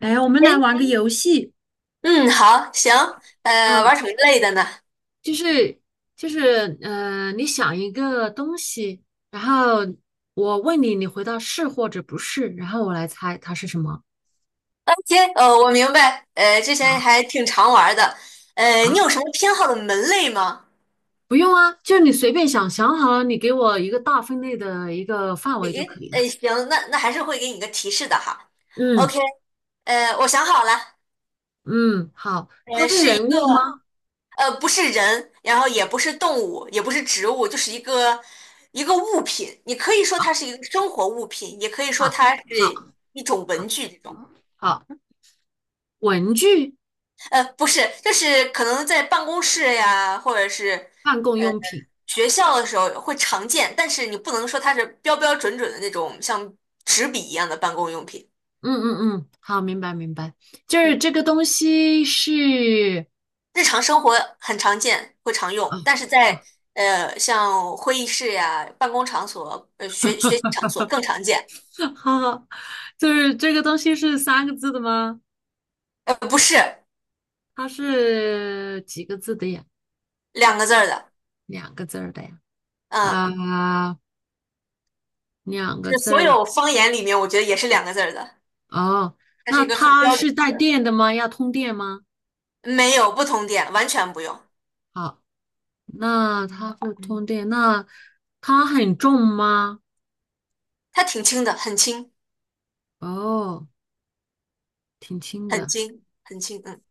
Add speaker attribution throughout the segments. Speaker 1: 哎，我们
Speaker 2: 哎，
Speaker 1: 来玩个游戏。
Speaker 2: 嗯，好，行，玩
Speaker 1: 嗯，
Speaker 2: 什么类的呢
Speaker 1: 就是就是，你想一个东西，然后我问你，你回答是或者不是，然后我来猜它是什么
Speaker 2: ？OK,我明白，之前
Speaker 1: 啊
Speaker 2: 还挺常玩的，
Speaker 1: 啊？
Speaker 2: 你有什么偏好的门类吗？
Speaker 1: 不用啊，就你随便想，想好了你给我一个大分类的一个范围就可
Speaker 2: 诶，
Speaker 1: 以了。
Speaker 2: 诶，行，那还是会给你个提示的哈。
Speaker 1: 嗯
Speaker 2: OK,我想好了，
Speaker 1: 嗯，好，它是
Speaker 2: 是一
Speaker 1: 人
Speaker 2: 个，
Speaker 1: 物吗？
Speaker 2: 不是人，然后也不是动物，也不是植物，就是一个物品。你可以说
Speaker 1: 啊，
Speaker 2: 它是一个生活物品，也可以说
Speaker 1: 好，
Speaker 2: 它是
Speaker 1: 好，
Speaker 2: 一种文
Speaker 1: 好，
Speaker 2: 具这种。
Speaker 1: 好，文具、
Speaker 2: 呃，不是，就是可能在办公室呀，或者是
Speaker 1: 办公
Speaker 2: 呃
Speaker 1: 用品。
Speaker 2: 学校的时候会常见，但是你不能说它是标标准准的那种像纸笔一样的办公用品。
Speaker 1: 嗯嗯嗯，好，明白明白，就是
Speaker 2: 嗯，
Speaker 1: 这个东西是。
Speaker 2: 日常生活很常见，会常
Speaker 1: 啊
Speaker 2: 用，但是在
Speaker 1: 啊，
Speaker 2: 像会议室呀、办公场所、学习场所更常见。
Speaker 1: 好好，就是这个东西是三个字的吗？
Speaker 2: 呃，不是
Speaker 1: 它是几个字的呀？
Speaker 2: 两个字儿的，
Speaker 1: 两个字儿的呀？
Speaker 2: 嗯，
Speaker 1: 啊，两个
Speaker 2: 是
Speaker 1: 字
Speaker 2: 所
Speaker 1: 儿。
Speaker 2: 有方言里面，我觉得也是两个字儿的，
Speaker 1: 哦，
Speaker 2: 它是
Speaker 1: 那
Speaker 2: 一个很
Speaker 1: 它
Speaker 2: 标准
Speaker 1: 是带
Speaker 2: 的。
Speaker 1: 电的吗？要通电吗？
Speaker 2: 没有不同点，完全不用，
Speaker 1: 好，那它不通电，那它很重吗？
Speaker 2: 它挺轻的，很轻。
Speaker 1: 哦，挺轻
Speaker 2: 很
Speaker 1: 的，
Speaker 2: 轻，很轻，嗯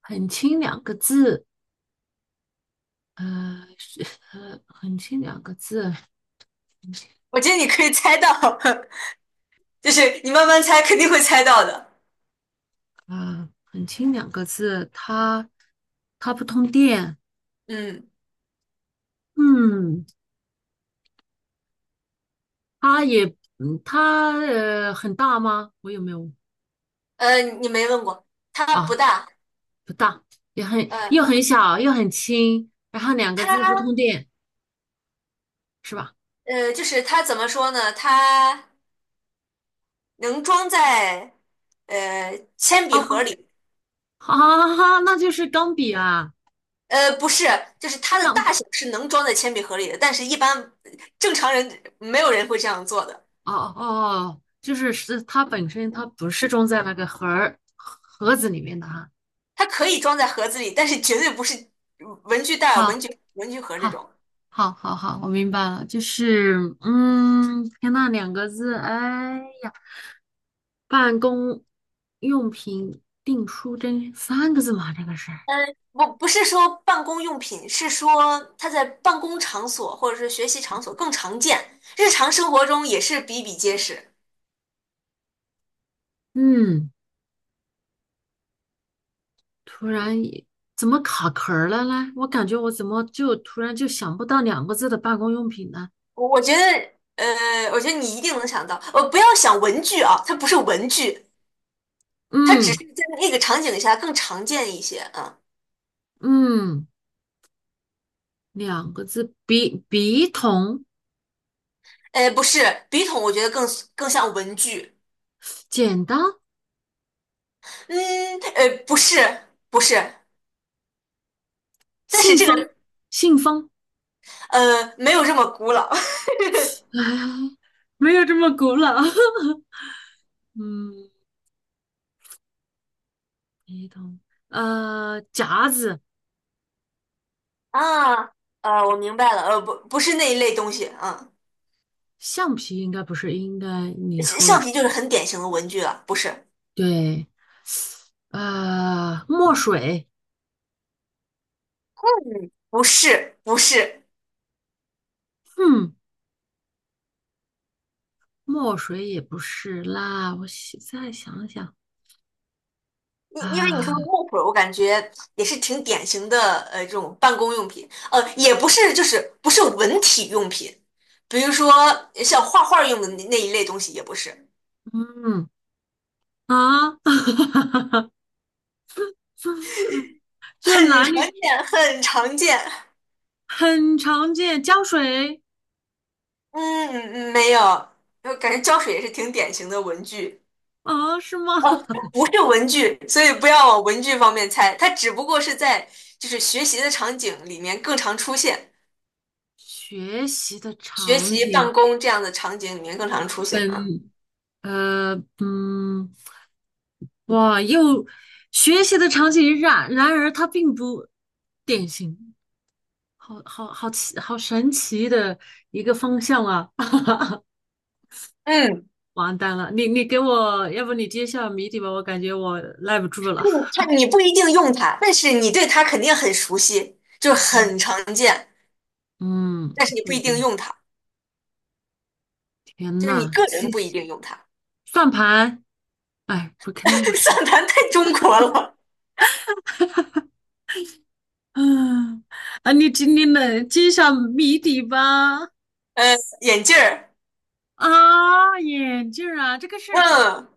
Speaker 1: 很轻两个字，是很轻两个字
Speaker 2: 我觉得你可以猜到，就是你慢慢猜，肯定会猜到的。
Speaker 1: 啊，很轻两个字，它不通电。
Speaker 2: 嗯，
Speaker 1: 嗯，它也，它很大吗？我有没有
Speaker 2: 你没问过，它不
Speaker 1: 啊？
Speaker 2: 大，
Speaker 1: 不大，也很又
Speaker 2: 呃，
Speaker 1: 很小又很轻，然后两个
Speaker 2: 它
Speaker 1: 字不通电，是吧？
Speaker 2: 就是它怎么说呢？它能装在铅
Speaker 1: 哦
Speaker 2: 笔盒
Speaker 1: 哦，
Speaker 2: 里，
Speaker 1: 啊，那就是钢笔啊，
Speaker 2: 呃，不是，就是它的
Speaker 1: 钢，
Speaker 2: 大小是能装在铅笔盒里的，但是一般正常人没有人会这样做的。
Speaker 1: 哦哦哦，就是它本身它不是装在那个盒子里面的哈。
Speaker 2: 它可以装在盒子里，但是绝对不是文具袋儿、
Speaker 1: 好。
Speaker 2: 文具盒这
Speaker 1: 好，
Speaker 2: 种。
Speaker 1: 好，好，好，我明白了，就是，天呐，两个字，哎呀，办公用品订书针三个字嘛，这个是，
Speaker 2: 嗯，不是说办公用品，是说它在办公场所或者是学习场所更常见，日常生活中也是比比皆是。
Speaker 1: 嗯，突然也怎么卡壳儿了呢？我感觉我怎么就突然就想不到两个字的办公用品呢？
Speaker 2: 我觉得，我觉得你一定能想到。呃，不要想文具啊，它不是文具，它只
Speaker 1: 嗯
Speaker 2: 是在那个场景下更常见一些。啊。
Speaker 1: 嗯，两个字，笔筒，
Speaker 2: 呃，不是，笔筒我觉得更更像文具。
Speaker 1: 剪刀，
Speaker 2: 嗯，呃，不是，不是，但是
Speaker 1: 信
Speaker 2: 这个
Speaker 1: 封，信封，
Speaker 2: 没有这么古老
Speaker 1: 哎，没有这么古老。嗯，一桶，夹子，
Speaker 2: 啊。我明白了，呃，不是那一类东西。啊。
Speaker 1: 橡皮应该不是，应该你说
Speaker 2: 橡
Speaker 1: 了，
Speaker 2: 皮就是很典型的文具了，不是？
Speaker 1: 对，墨水，
Speaker 2: 嗯，不是，不是，
Speaker 1: 嗯，墨水也不是啦，我想再想想
Speaker 2: 因为你说的
Speaker 1: 啊，
Speaker 2: 水，水，我感觉也是挺典型的，呃，这种办公用品，呃，也不是，就是不是文体用品，比如说像画画用的那一类东西，也不是，
Speaker 1: 嗯啊，这
Speaker 2: 很
Speaker 1: 男
Speaker 2: 常
Speaker 1: 女
Speaker 2: 见，很常见。
Speaker 1: 很常见，胶水
Speaker 2: 嗯，嗯没有，我感觉胶水也是挺典型的文具，
Speaker 1: 啊，是吗？
Speaker 2: 哦，不是文具，所以不要往文具方面猜，它只不过是在就是学习的场景里面更常出现。
Speaker 1: 学习的
Speaker 2: 学
Speaker 1: 场
Speaker 2: 习办
Speaker 1: 景
Speaker 2: 公这样的场景里面更常出现啊。
Speaker 1: 本。呃，嗯，哇，又学习的场景然而它并不典型，好好奇，好神奇的一个方向啊！
Speaker 2: 嗯，嗯
Speaker 1: 完蛋了，你给我，要不你揭晓谜底吧，我感觉我耐不住了。
Speaker 2: 它你不一定用它，但是你对它肯定很熟悉，就是
Speaker 1: 嗯
Speaker 2: 很常见，
Speaker 1: 嗯，
Speaker 2: 但是你
Speaker 1: 不
Speaker 2: 不
Speaker 1: 一
Speaker 2: 一定
Speaker 1: 定。
Speaker 2: 用它，
Speaker 1: 天
Speaker 2: 就是你
Speaker 1: 呐，
Speaker 2: 个人不一定用它。
Speaker 1: 算盘，哎，不，肯定不 是。
Speaker 2: 算盘太中国了，
Speaker 1: 嗯你今天能揭晓谜底吧？
Speaker 2: 呃，眼镜儿，
Speaker 1: 啊，眼镜儿啊，这个是
Speaker 2: 嗯，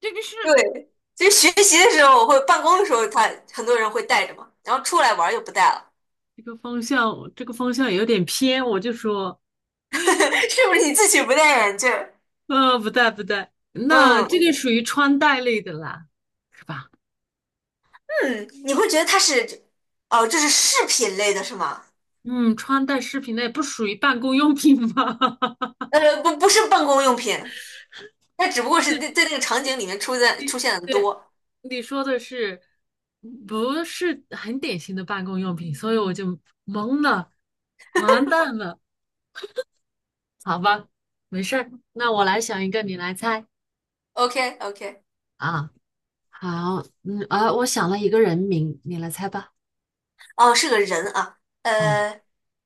Speaker 1: 这个是
Speaker 2: 对，其实学习的时候我会，办公的时候他很多人会戴着嘛，然后出来玩儿就不戴了，
Speaker 1: 这个方向，这个方向有点偏，我就说，
Speaker 2: 是不是你自己不戴眼镜儿？
Speaker 1: 不带不带，那这个
Speaker 2: 嗯
Speaker 1: 属于穿戴类的啦，是吧？
Speaker 2: 嗯，你会觉得它是，哦，这是饰品类的是吗？
Speaker 1: 嗯，穿戴饰品类不属于办公用品吧？
Speaker 2: 呃，不，不是办公用品，它只不过是在那个场景里面出现的
Speaker 1: 对，
Speaker 2: 多。
Speaker 1: 你说的是，不是很典型的办公用品，所以我就懵了，完蛋了，好吧，没事儿，那我来想一个，你来猜
Speaker 2: OK OK,
Speaker 1: 啊。好，我想了一个人名，你来猜吧。
Speaker 2: 哦，是个人啊，
Speaker 1: 啊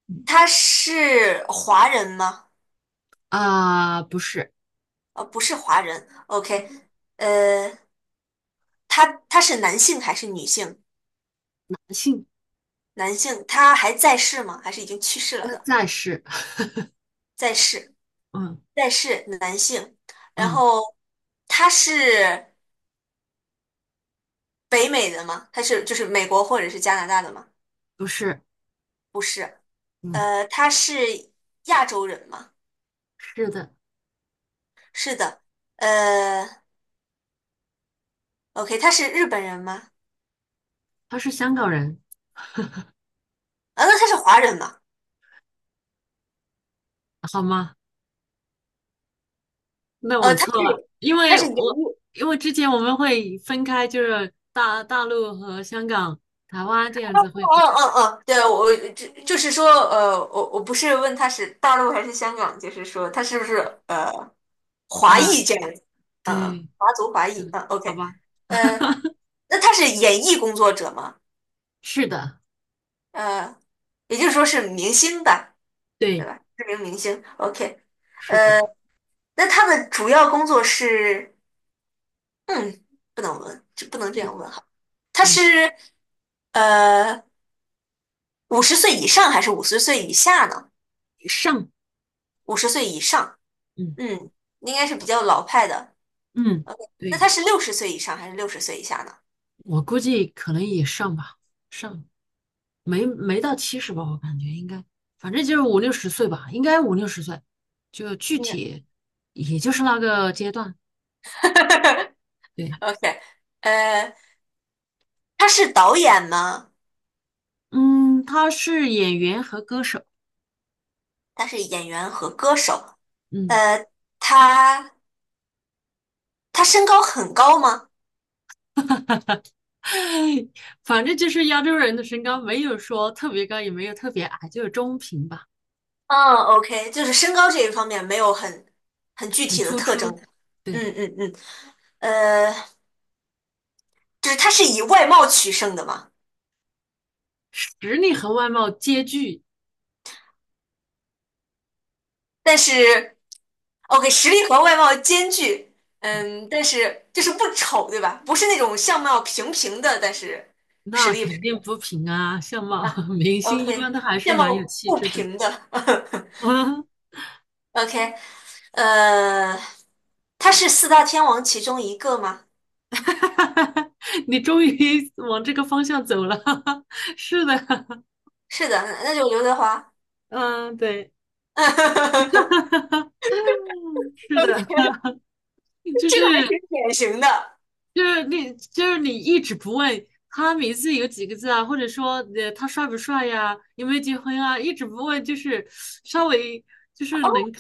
Speaker 1: 嗯，
Speaker 2: 他是华人吗？
Speaker 1: 不是。
Speaker 2: 呃，不是华人。OK,呃，他是男性还是女性？
Speaker 1: 姓。
Speaker 2: 男性，他还在世吗？还是已经去世了的？
Speaker 1: 暂时，
Speaker 2: 在世，
Speaker 1: 嗯
Speaker 2: 在世，男性。然
Speaker 1: 嗯，
Speaker 2: 后他是北美的吗？他是就是美国或者是加拿大的吗？
Speaker 1: 不是，
Speaker 2: 不是，
Speaker 1: 嗯，
Speaker 2: 他是亚洲人吗？
Speaker 1: 是的，
Speaker 2: 是的，呃，OK,他是日本人吗？
Speaker 1: 他是香港人，
Speaker 2: 啊，那他是华人吗？
Speaker 1: 好吗？那我
Speaker 2: 呃，他是
Speaker 1: 错了，
Speaker 2: 他是演艺，
Speaker 1: 因为之前我们会分开，就是大陆和香港、台湾这样
Speaker 2: 哦
Speaker 1: 子会分
Speaker 2: 哦哦哦，对，就是说，呃，我不是问他是大陆还是香港，就是说他是不是呃
Speaker 1: 开
Speaker 2: 华
Speaker 1: 啊，
Speaker 2: 裔这样子，呃，
Speaker 1: 对，
Speaker 2: 华族华裔，
Speaker 1: 嗯，
Speaker 2: 啊
Speaker 1: 好
Speaker 2: ，OK,
Speaker 1: 吧，
Speaker 2: 呃，那他是演艺工作者吗？
Speaker 1: 是的，
Speaker 2: 呃，也就是说是明星吧，对
Speaker 1: 对，
Speaker 2: 吧？知名明星，OK,
Speaker 1: 是的，
Speaker 2: 呃，那他的主要工作是，嗯，不能问，这不能这
Speaker 1: 对，
Speaker 2: 样问。哈。他
Speaker 1: 嗯，
Speaker 2: 是呃五十岁以上还是五十岁以下呢？
Speaker 1: 上，
Speaker 2: 五十岁以上，
Speaker 1: 嗯
Speaker 2: 嗯，应该是比较老派的。
Speaker 1: 嗯，
Speaker 2: 那
Speaker 1: 对，
Speaker 2: 他是六十岁以上还是六十岁以下呢？
Speaker 1: 我估计可能也上吧，上。没到七十吧，我感觉应该，反正就是五六十岁吧，应该五六十岁，就具
Speaker 2: 嗯
Speaker 1: 体也就是那个阶段。对，
Speaker 2: ，OK,呃，他是导演吗？
Speaker 1: 嗯，他是演员和歌手，
Speaker 2: 他是演员和歌手。
Speaker 1: 嗯，
Speaker 2: 呃，他他身高很高吗？
Speaker 1: 反正就是亚洲人的身高没有说特别高，也没有特别矮，就是中平吧，
Speaker 2: 嗯，OK,就是身高这一方面没有很很具
Speaker 1: 很
Speaker 2: 体的
Speaker 1: 突
Speaker 2: 特征。
Speaker 1: 出。对，
Speaker 2: 嗯嗯嗯，呃，就是他是以外貌取胜的吗？
Speaker 1: 实力和外貌皆具，
Speaker 2: 但是，OK,实力和外貌兼具，嗯，但是就是不丑，对吧？不是那种相貌平平的，但是实
Speaker 1: 那
Speaker 2: 力
Speaker 1: 肯定不平啊，相貌
Speaker 2: 啊
Speaker 1: 明星一般
Speaker 2: ，OK,
Speaker 1: 都还是
Speaker 2: 相
Speaker 1: 蛮
Speaker 2: 貌
Speaker 1: 有气
Speaker 2: 不
Speaker 1: 质的。
Speaker 2: 平的 ，OK,呃，他是四大天王其中一个吗？
Speaker 1: 哈哈哈哈你终于往这个方向走了，是的，
Speaker 2: 是的，那就刘德华。
Speaker 1: 嗯，对，
Speaker 2: OK,
Speaker 1: 嗯，是的，就
Speaker 2: 这个还
Speaker 1: 是
Speaker 2: 挺典型的。
Speaker 1: 就是你就是你一直不问他名字有几个字啊，或者说他帅不帅呀，有没有结婚啊，一直不问，就是稍微就是能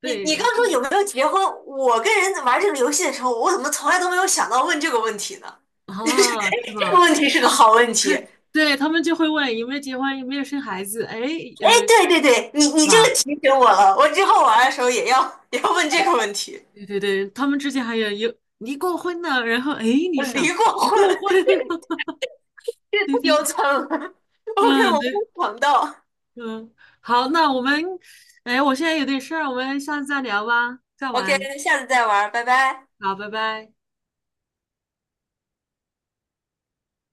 Speaker 2: 你
Speaker 1: 对，
Speaker 2: 你刚
Speaker 1: 然
Speaker 2: 说有
Speaker 1: 后
Speaker 2: 没有结婚？我跟人玩这个游戏的时候，我怎么从来都没有想到问这个问题呢？
Speaker 1: 啊是
Speaker 2: 这个
Speaker 1: 吧？
Speaker 2: 问题是个好问题。哎，
Speaker 1: 对他们就会问有没有结婚，有没有生孩子，哎呃
Speaker 2: 对对对，你这个
Speaker 1: 吧，
Speaker 2: 提醒我了，我之后玩的时候也要 也要问这个问题。
Speaker 1: 对对对，他们之间还有离过婚呢，然后哎
Speaker 2: 我
Speaker 1: 你
Speaker 2: 离
Speaker 1: 想
Speaker 2: 过
Speaker 1: 离
Speaker 2: 婚，
Speaker 1: 过婚。
Speaker 2: 这太
Speaker 1: 对对，
Speaker 2: 丢 惨了。OK,
Speaker 1: 嗯，
Speaker 2: 我没
Speaker 1: 对，
Speaker 2: 有想到。
Speaker 1: 嗯，好，那我们，哎，我现在有点事儿，我们下次再聊吧，再
Speaker 2: OK,
Speaker 1: 玩，
Speaker 2: 下次再玩，拜拜。
Speaker 1: 好，拜拜。